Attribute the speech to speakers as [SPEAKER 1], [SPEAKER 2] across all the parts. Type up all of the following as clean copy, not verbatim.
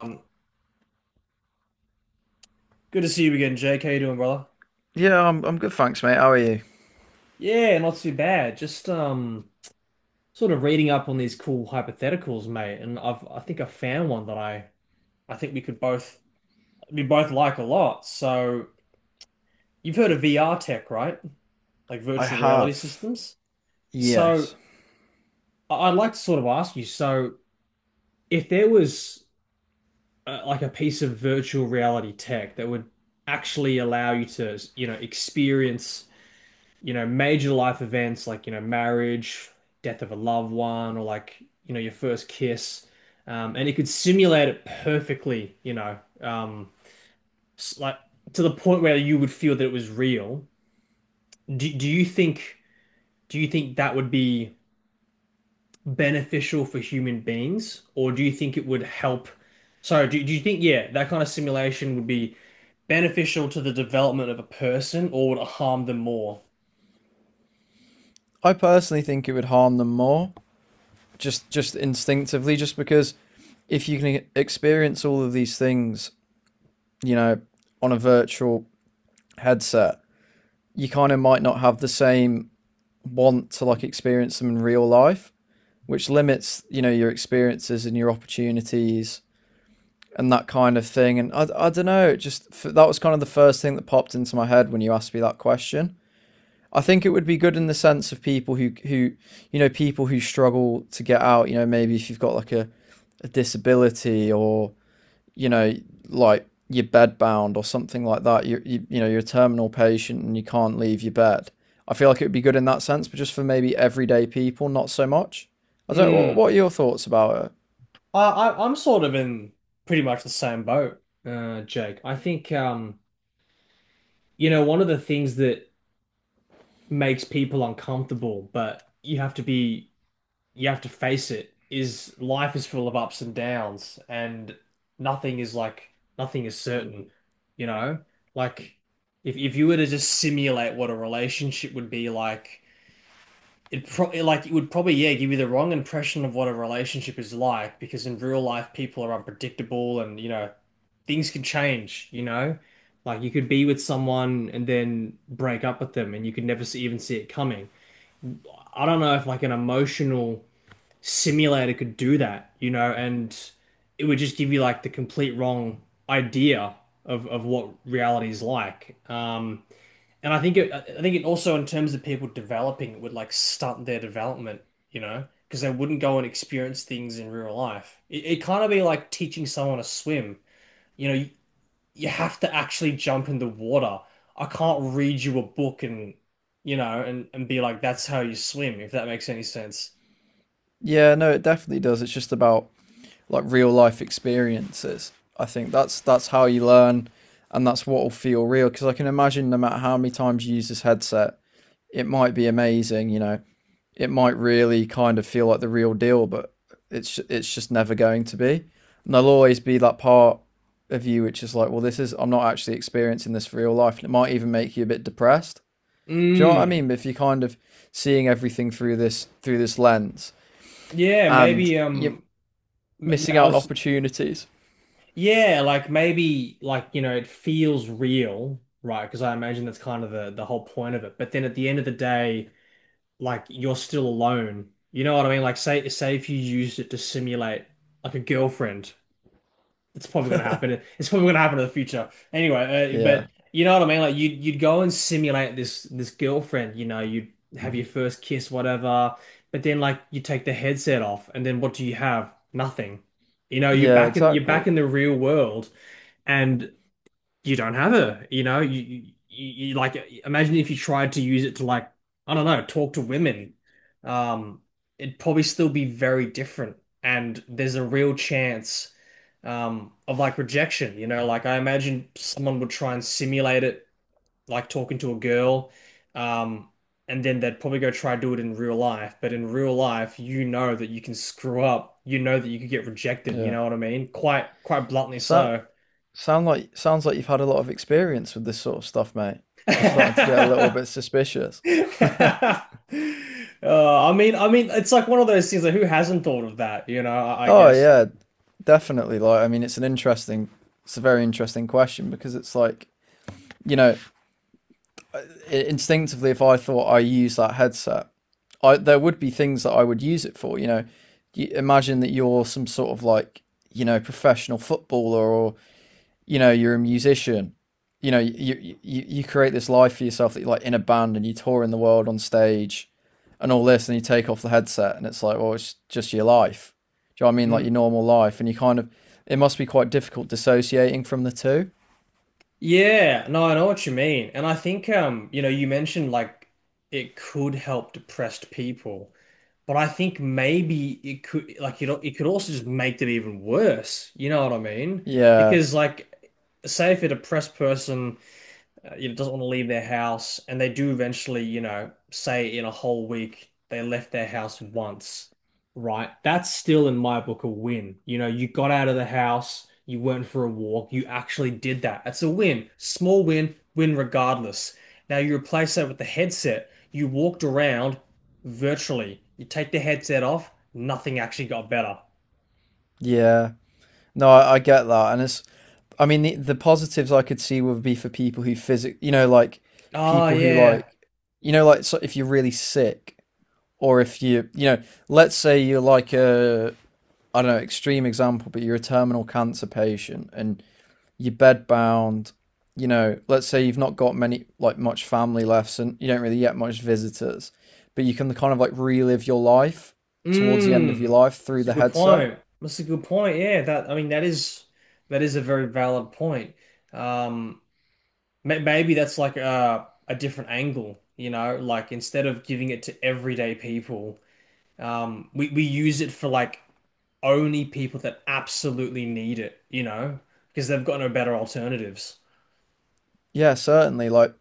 [SPEAKER 1] Um, Good to see you again, Jake. How you doing, brother?
[SPEAKER 2] Yeah, I'm good, thanks, mate. How are you?
[SPEAKER 1] Yeah, not too bad. Just sort of reading up on these cool hypotheticals, mate. And I think I found one that I think we could both like a lot. So you've heard of VR tech, right? Like
[SPEAKER 2] I
[SPEAKER 1] virtual reality
[SPEAKER 2] have.
[SPEAKER 1] systems. So
[SPEAKER 2] Yes.
[SPEAKER 1] I'd like to sort of ask you. So if there was like a piece of virtual reality tech that would actually allow you to, you know, experience you know, major life events like, you know, marriage, death of a loved one, or like, you know, your first kiss. And it could simulate it perfectly, you know, like to the point where you would feel that it was real. Do you think, do you think that would be beneficial for human beings, or do you think it would help? So do you think, yeah, that kind of simulation would be beneficial to the development of a person, or would it harm them more?
[SPEAKER 2] I personally think it would harm them more, just instinctively, just because if you can experience all of these things, you know, on a virtual headset, you kind of might not have the same want to like experience them in real life, which limits, you know, your experiences and your opportunities and that kind of thing. And I don't know, it just that was kind of the first thing that popped into my head when you asked me that question. I think it would be good in the sense of people who you know people who struggle to get out. You know, maybe if you've got like a disability or you know like you're bed bound or something like that. You know you're a terminal patient and you can't leave your bed. I feel like it would be good in that sense, but just for maybe everyday people, not so much. I don't. What,
[SPEAKER 1] Hmm.
[SPEAKER 2] what are your thoughts about it?
[SPEAKER 1] I I'm sort of in pretty much the same boat, Jake. I think you know, one of the things that makes people uncomfortable, but you have to be you have to face it, is life is full of ups and downs, and nothing is like nothing is certain, you know? Like if you were to just simulate what a relationship would be like, it would probably, yeah, give you the wrong impression of what a relationship is like, because in real life people are unpredictable, and, you know, things can change, you know, like you could be with someone and then break up with them and you could never even see it coming. I don't know if like an emotional simulator could do that, you know. And it would just give you like the complete wrong idea of what reality is like. And I think it also in terms of people developing, it would like stunt their development, you know, because they wouldn't go and experience things in real life. It kind of be like teaching someone to swim. You know, you have to actually jump in the water. I can't read you a book and, you know, and be like, that's how you swim, if that makes any sense.
[SPEAKER 2] Yeah, no, it definitely does. It's just about like real life experiences. I think that's how you learn, and that's what will feel real. Because I can imagine, no matter how many times you use this headset, it might be amazing. You know, it might really kind of feel like the real deal, but it's just never going to be. And there'll always be that part of you which is like, well, this is I'm not actually experiencing this for real life, and it might even make you a bit depressed. Do you know what I
[SPEAKER 1] Mm.
[SPEAKER 2] mean? But if you're kind of seeing everything through this lens,
[SPEAKER 1] Yeah,
[SPEAKER 2] and
[SPEAKER 1] maybe
[SPEAKER 2] you're missing
[SPEAKER 1] I
[SPEAKER 2] out on
[SPEAKER 1] was—
[SPEAKER 2] opportunities.
[SPEAKER 1] Yeah, like maybe, like, you know, it feels real, right? Because I imagine that's kind of the whole point of it. But then at the end of the day, like you're still alone. You know what I mean? Like say if you used it to simulate like a girlfriend, it's probably gonna happen. It's probably gonna happen in the future. Anyway, but
[SPEAKER 2] Yeah,
[SPEAKER 1] you know what I mean? Like you'd go and simulate this girlfriend. You know, you'd have your first kiss, whatever. But then like you take the headset off, and then what do you have? Nothing. You know,
[SPEAKER 2] yeah,
[SPEAKER 1] you're
[SPEAKER 2] exactly.
[SPEAKER 1] back in the real world, and you don't have her. You know, you you like— imagine if you tried to use it to like, I don't know, talk to women. Um, It'd probably still be very different, and there's a real chance of like rejection. You know, like I imagine someone would try and simulate it, like talking to a girl, um. And then they'd probably go try to do it in real life. But in real life, you know that you can screw up. You know that you could get rejected. You
[SPEAKER 2] Yeah.
[SPEAKER 1] know what I mean? Quite bluntly
[SPEAKER 2] So
[SPEAKER 1] so.
[SPEAKER 2] sounds like you've had a lot of experience with this sort of stuff, mate. I'm starting to get a little bit suspicious.
[SPEAKER 1] I mean, it's like one of those things. Like, who hasn't thought of that? You know, I
[SPEAKER 2] Oh
[SPEAKER 1] guess.
[SPEAKER 2] yeah, definitely. Like, I mean, it's a very interesting question because it's like, you know, instinctively, if I thought I use that headset, I there would be things that I would use it for. You know, you imagine that you're some sort of like, you know, professional footballer, you know you're a musician, you know you create this life for yourself that you're like in a band and you tour in the world on stage and all this, and you take off the headset and it's like, well, it's just your life, do you know what I mean, like your
[SPEAKER 1] Mm,
[SPEAKER 2] normal life. And you kind of, it must be quite difficult dissociating from the two.
[SPEAKER 1] yeah, no, I know what you mean, and I think, you know, you mentioned like it could help depressed people, but I think maybe it could, like, you know, it could also just make them even worse. You know what I mean?
[SPEAKER 2] Yeah,
[SPEAKER 1] Because, like, say if a depressed person you know, doesn't want to leave their house, and they do eventually, you know, say in a whole week they left their house once, right? That's still in my book a win. You know, you got out of the house, you went for a walk, you actually did that. That's a win. Small win, win regardless. Now you replace that with the headset. You walked around virtually. You take the headset off, nothing actually got better.
[SPEAKER 2] yeah, no, I get that. And it's, I mean, the positives I could see would be for people who physic you know, like
[SPEAKER 1] Oh
[SPEAKER 2] people who
[SPEAKER 1] yeah.
[SPEAKER 2] like, you know, like so if you're really sick or if you, you know, let's say you're like a, I don't know, extreme example, but you're a terminal cancer patient and you're bedbound. You know, let's say you've not got many, like much family left and you don't really get much visitors, but you can kind of like relive your life towards the end of your
[SPEAKER 1] Mm,
[SPEAKER 2] life through
[SPEAKER 1] that's a
[SPEAKER 2] the
[SPEAKER 1] good
[SPEAKER 2] headset.
[SPEAKER 1] point. That's a good point. Yeah, that I mean that is— that is a very valid point. Um, Maybe that's like a different angle, you know, like instead of giving it to everyday people, we use it for like only people that absolutely need it, you know, because they've got no better alternatives.
[SPEAKER 2] Yeah, certainly. Like,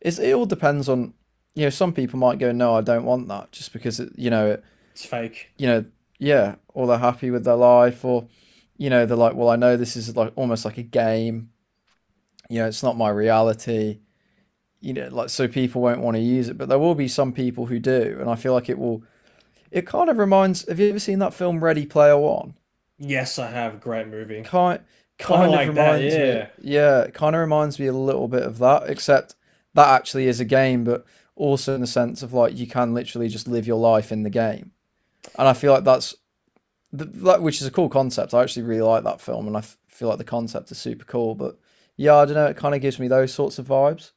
[SPEAKER 2] it's, it all depends on, you know, some people might go, no, I don't want that just because, it,
[SPEAKER 1] It's fake.
[SPEAKER 2] you know, yeah, or they're happy with their life, or, you know, they're like, well, I know this is like almost like a game, you know, it's not my reality, you know, like so people won't want to use it, but there will be some people who do, and I feel like it will. It kind of reminds. Have you ever seen that film Ready Player One?
[SPEAKER 1] Yes, I have. Great movie.
[SPEAKER 2] Kind
[SPEAKER 1] Kind of
[SPEAKER 2] kind of
[SPEAKER 1] like that.
[SPEAKER 2] reminds me.
[SPEAKER 1] Yeah.
[SPEAKER 2] Yeah, it kind of reminds me a little bit of that, except that actually is a game, but also in the sense of like you can literally just live your life in the game, and I feel like that which is a cool concept. I actually really like that film, and I feel like the concept is super cool. But yeah, I don't know, it kind of gives me those sorts of vibes.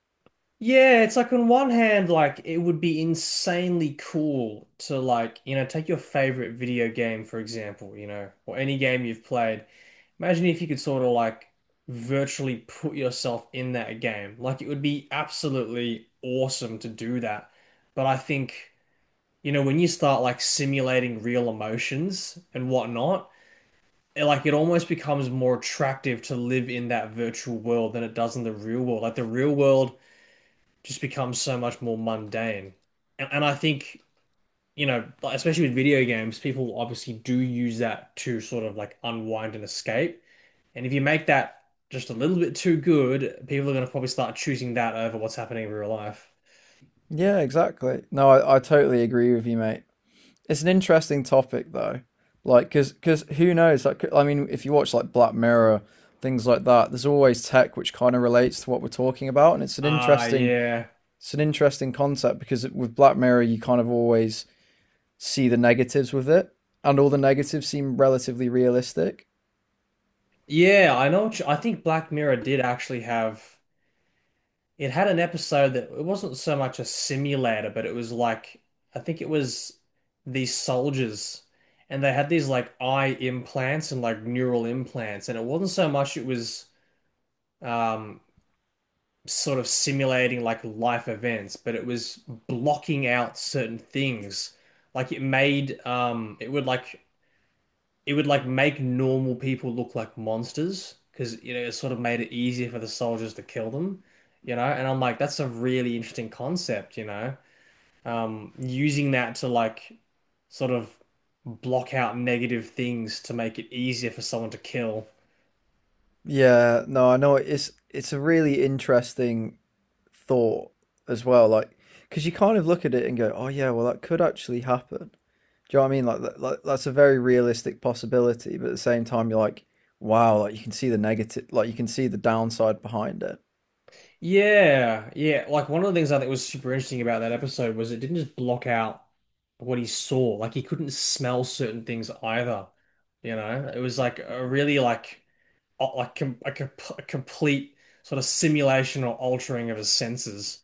[SPEAKER 1] Yeah, it's like on one hand, like it would be insanely cool to like, you know, take your favorite video game, for example, you know, or any game you've played. Imagine if you could sort of like virtually put yourself in that game. Like it would be absolutely awesome to do that. But I think, you know, when you start like simulating real emotions and whatnot, like it almost becomes more attractive to live in that virtual world than it does in the real world. Like the real world just becomes so much more mundane. And I think, you know, like, especially with video games, people obviously do use that to sort of like unwind and escape. And if you make that just a little bit too good, people are going to probably start choosing that over what's happening in real life.
[SPEAKER 2] Yeah, exactly. No, I totally agree with you, mate. It's an interesting topic though, like because who knows? Like I mean, if you watch like Black Mirror, things like that, there's always tech which kind of relates to what we're talking about, and
[SPEAKER 1] Ah, yeah.
[SPEAKER 2] it's an interesting concept because with Black Mirror you kind of always see the negatives with it, and all the negatives seem relatively realistic.
[SPEAKER 1] Yeah, I know what you— I think Black Mirror did actually have— it had an episode that it wasn't so much a simulator, but it was like— I think it was these soldiers, and they had these like eye implants and like neural implants, and it wasn't so much— it was um sort of simulating like life events, but it was blocking out certain things. Like it made it would like— it would like make normal people look like monsters, because you know it sort of made it easier for the soldiers to kill them, you know. And I'm like, that's a really interesting concept, you know. Using that to like sort of block out negative things to make it easier for someone to kill.
[SPEAKER 2] Yeah, no, I know it's a really interesting thought as well, like because you kind of look at it and go, oh yeah, well that could actually happen. Do you know what I mean? Like, like that's a very realistic possibility, but at the same time, you're like, wow, like you can see the negative, like you can see the downside behind it.
[SPEAKER 1] Yeah, yeah. Like one of the things I think was super interesting about that episode was it didn't just block out what he saw. Like he couldn't smell certain things either. You know, it was like a really like com a, com a complete sort of simulation or altering of his senses.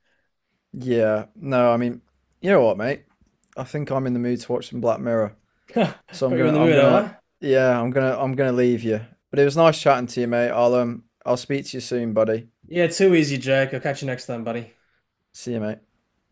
[SPEAKER 2] Yeah, no, I mean, you know what, mate? I think I'm in the mood to watch some Black Mirror,
[SPEAKER 1] Got
[SPEAKER 2] so
[SPEAKER 1] you in the mood, am I?
[SPEAKER 2] I'm gonna leave you. But it was nice chatting to you, mate. I'll speak to you soon, buddy.
[SPEAKER 1] Yeah, too easy, Jake. I'll catch you next time, buddy.
[SPEAKER 2] See you, mate.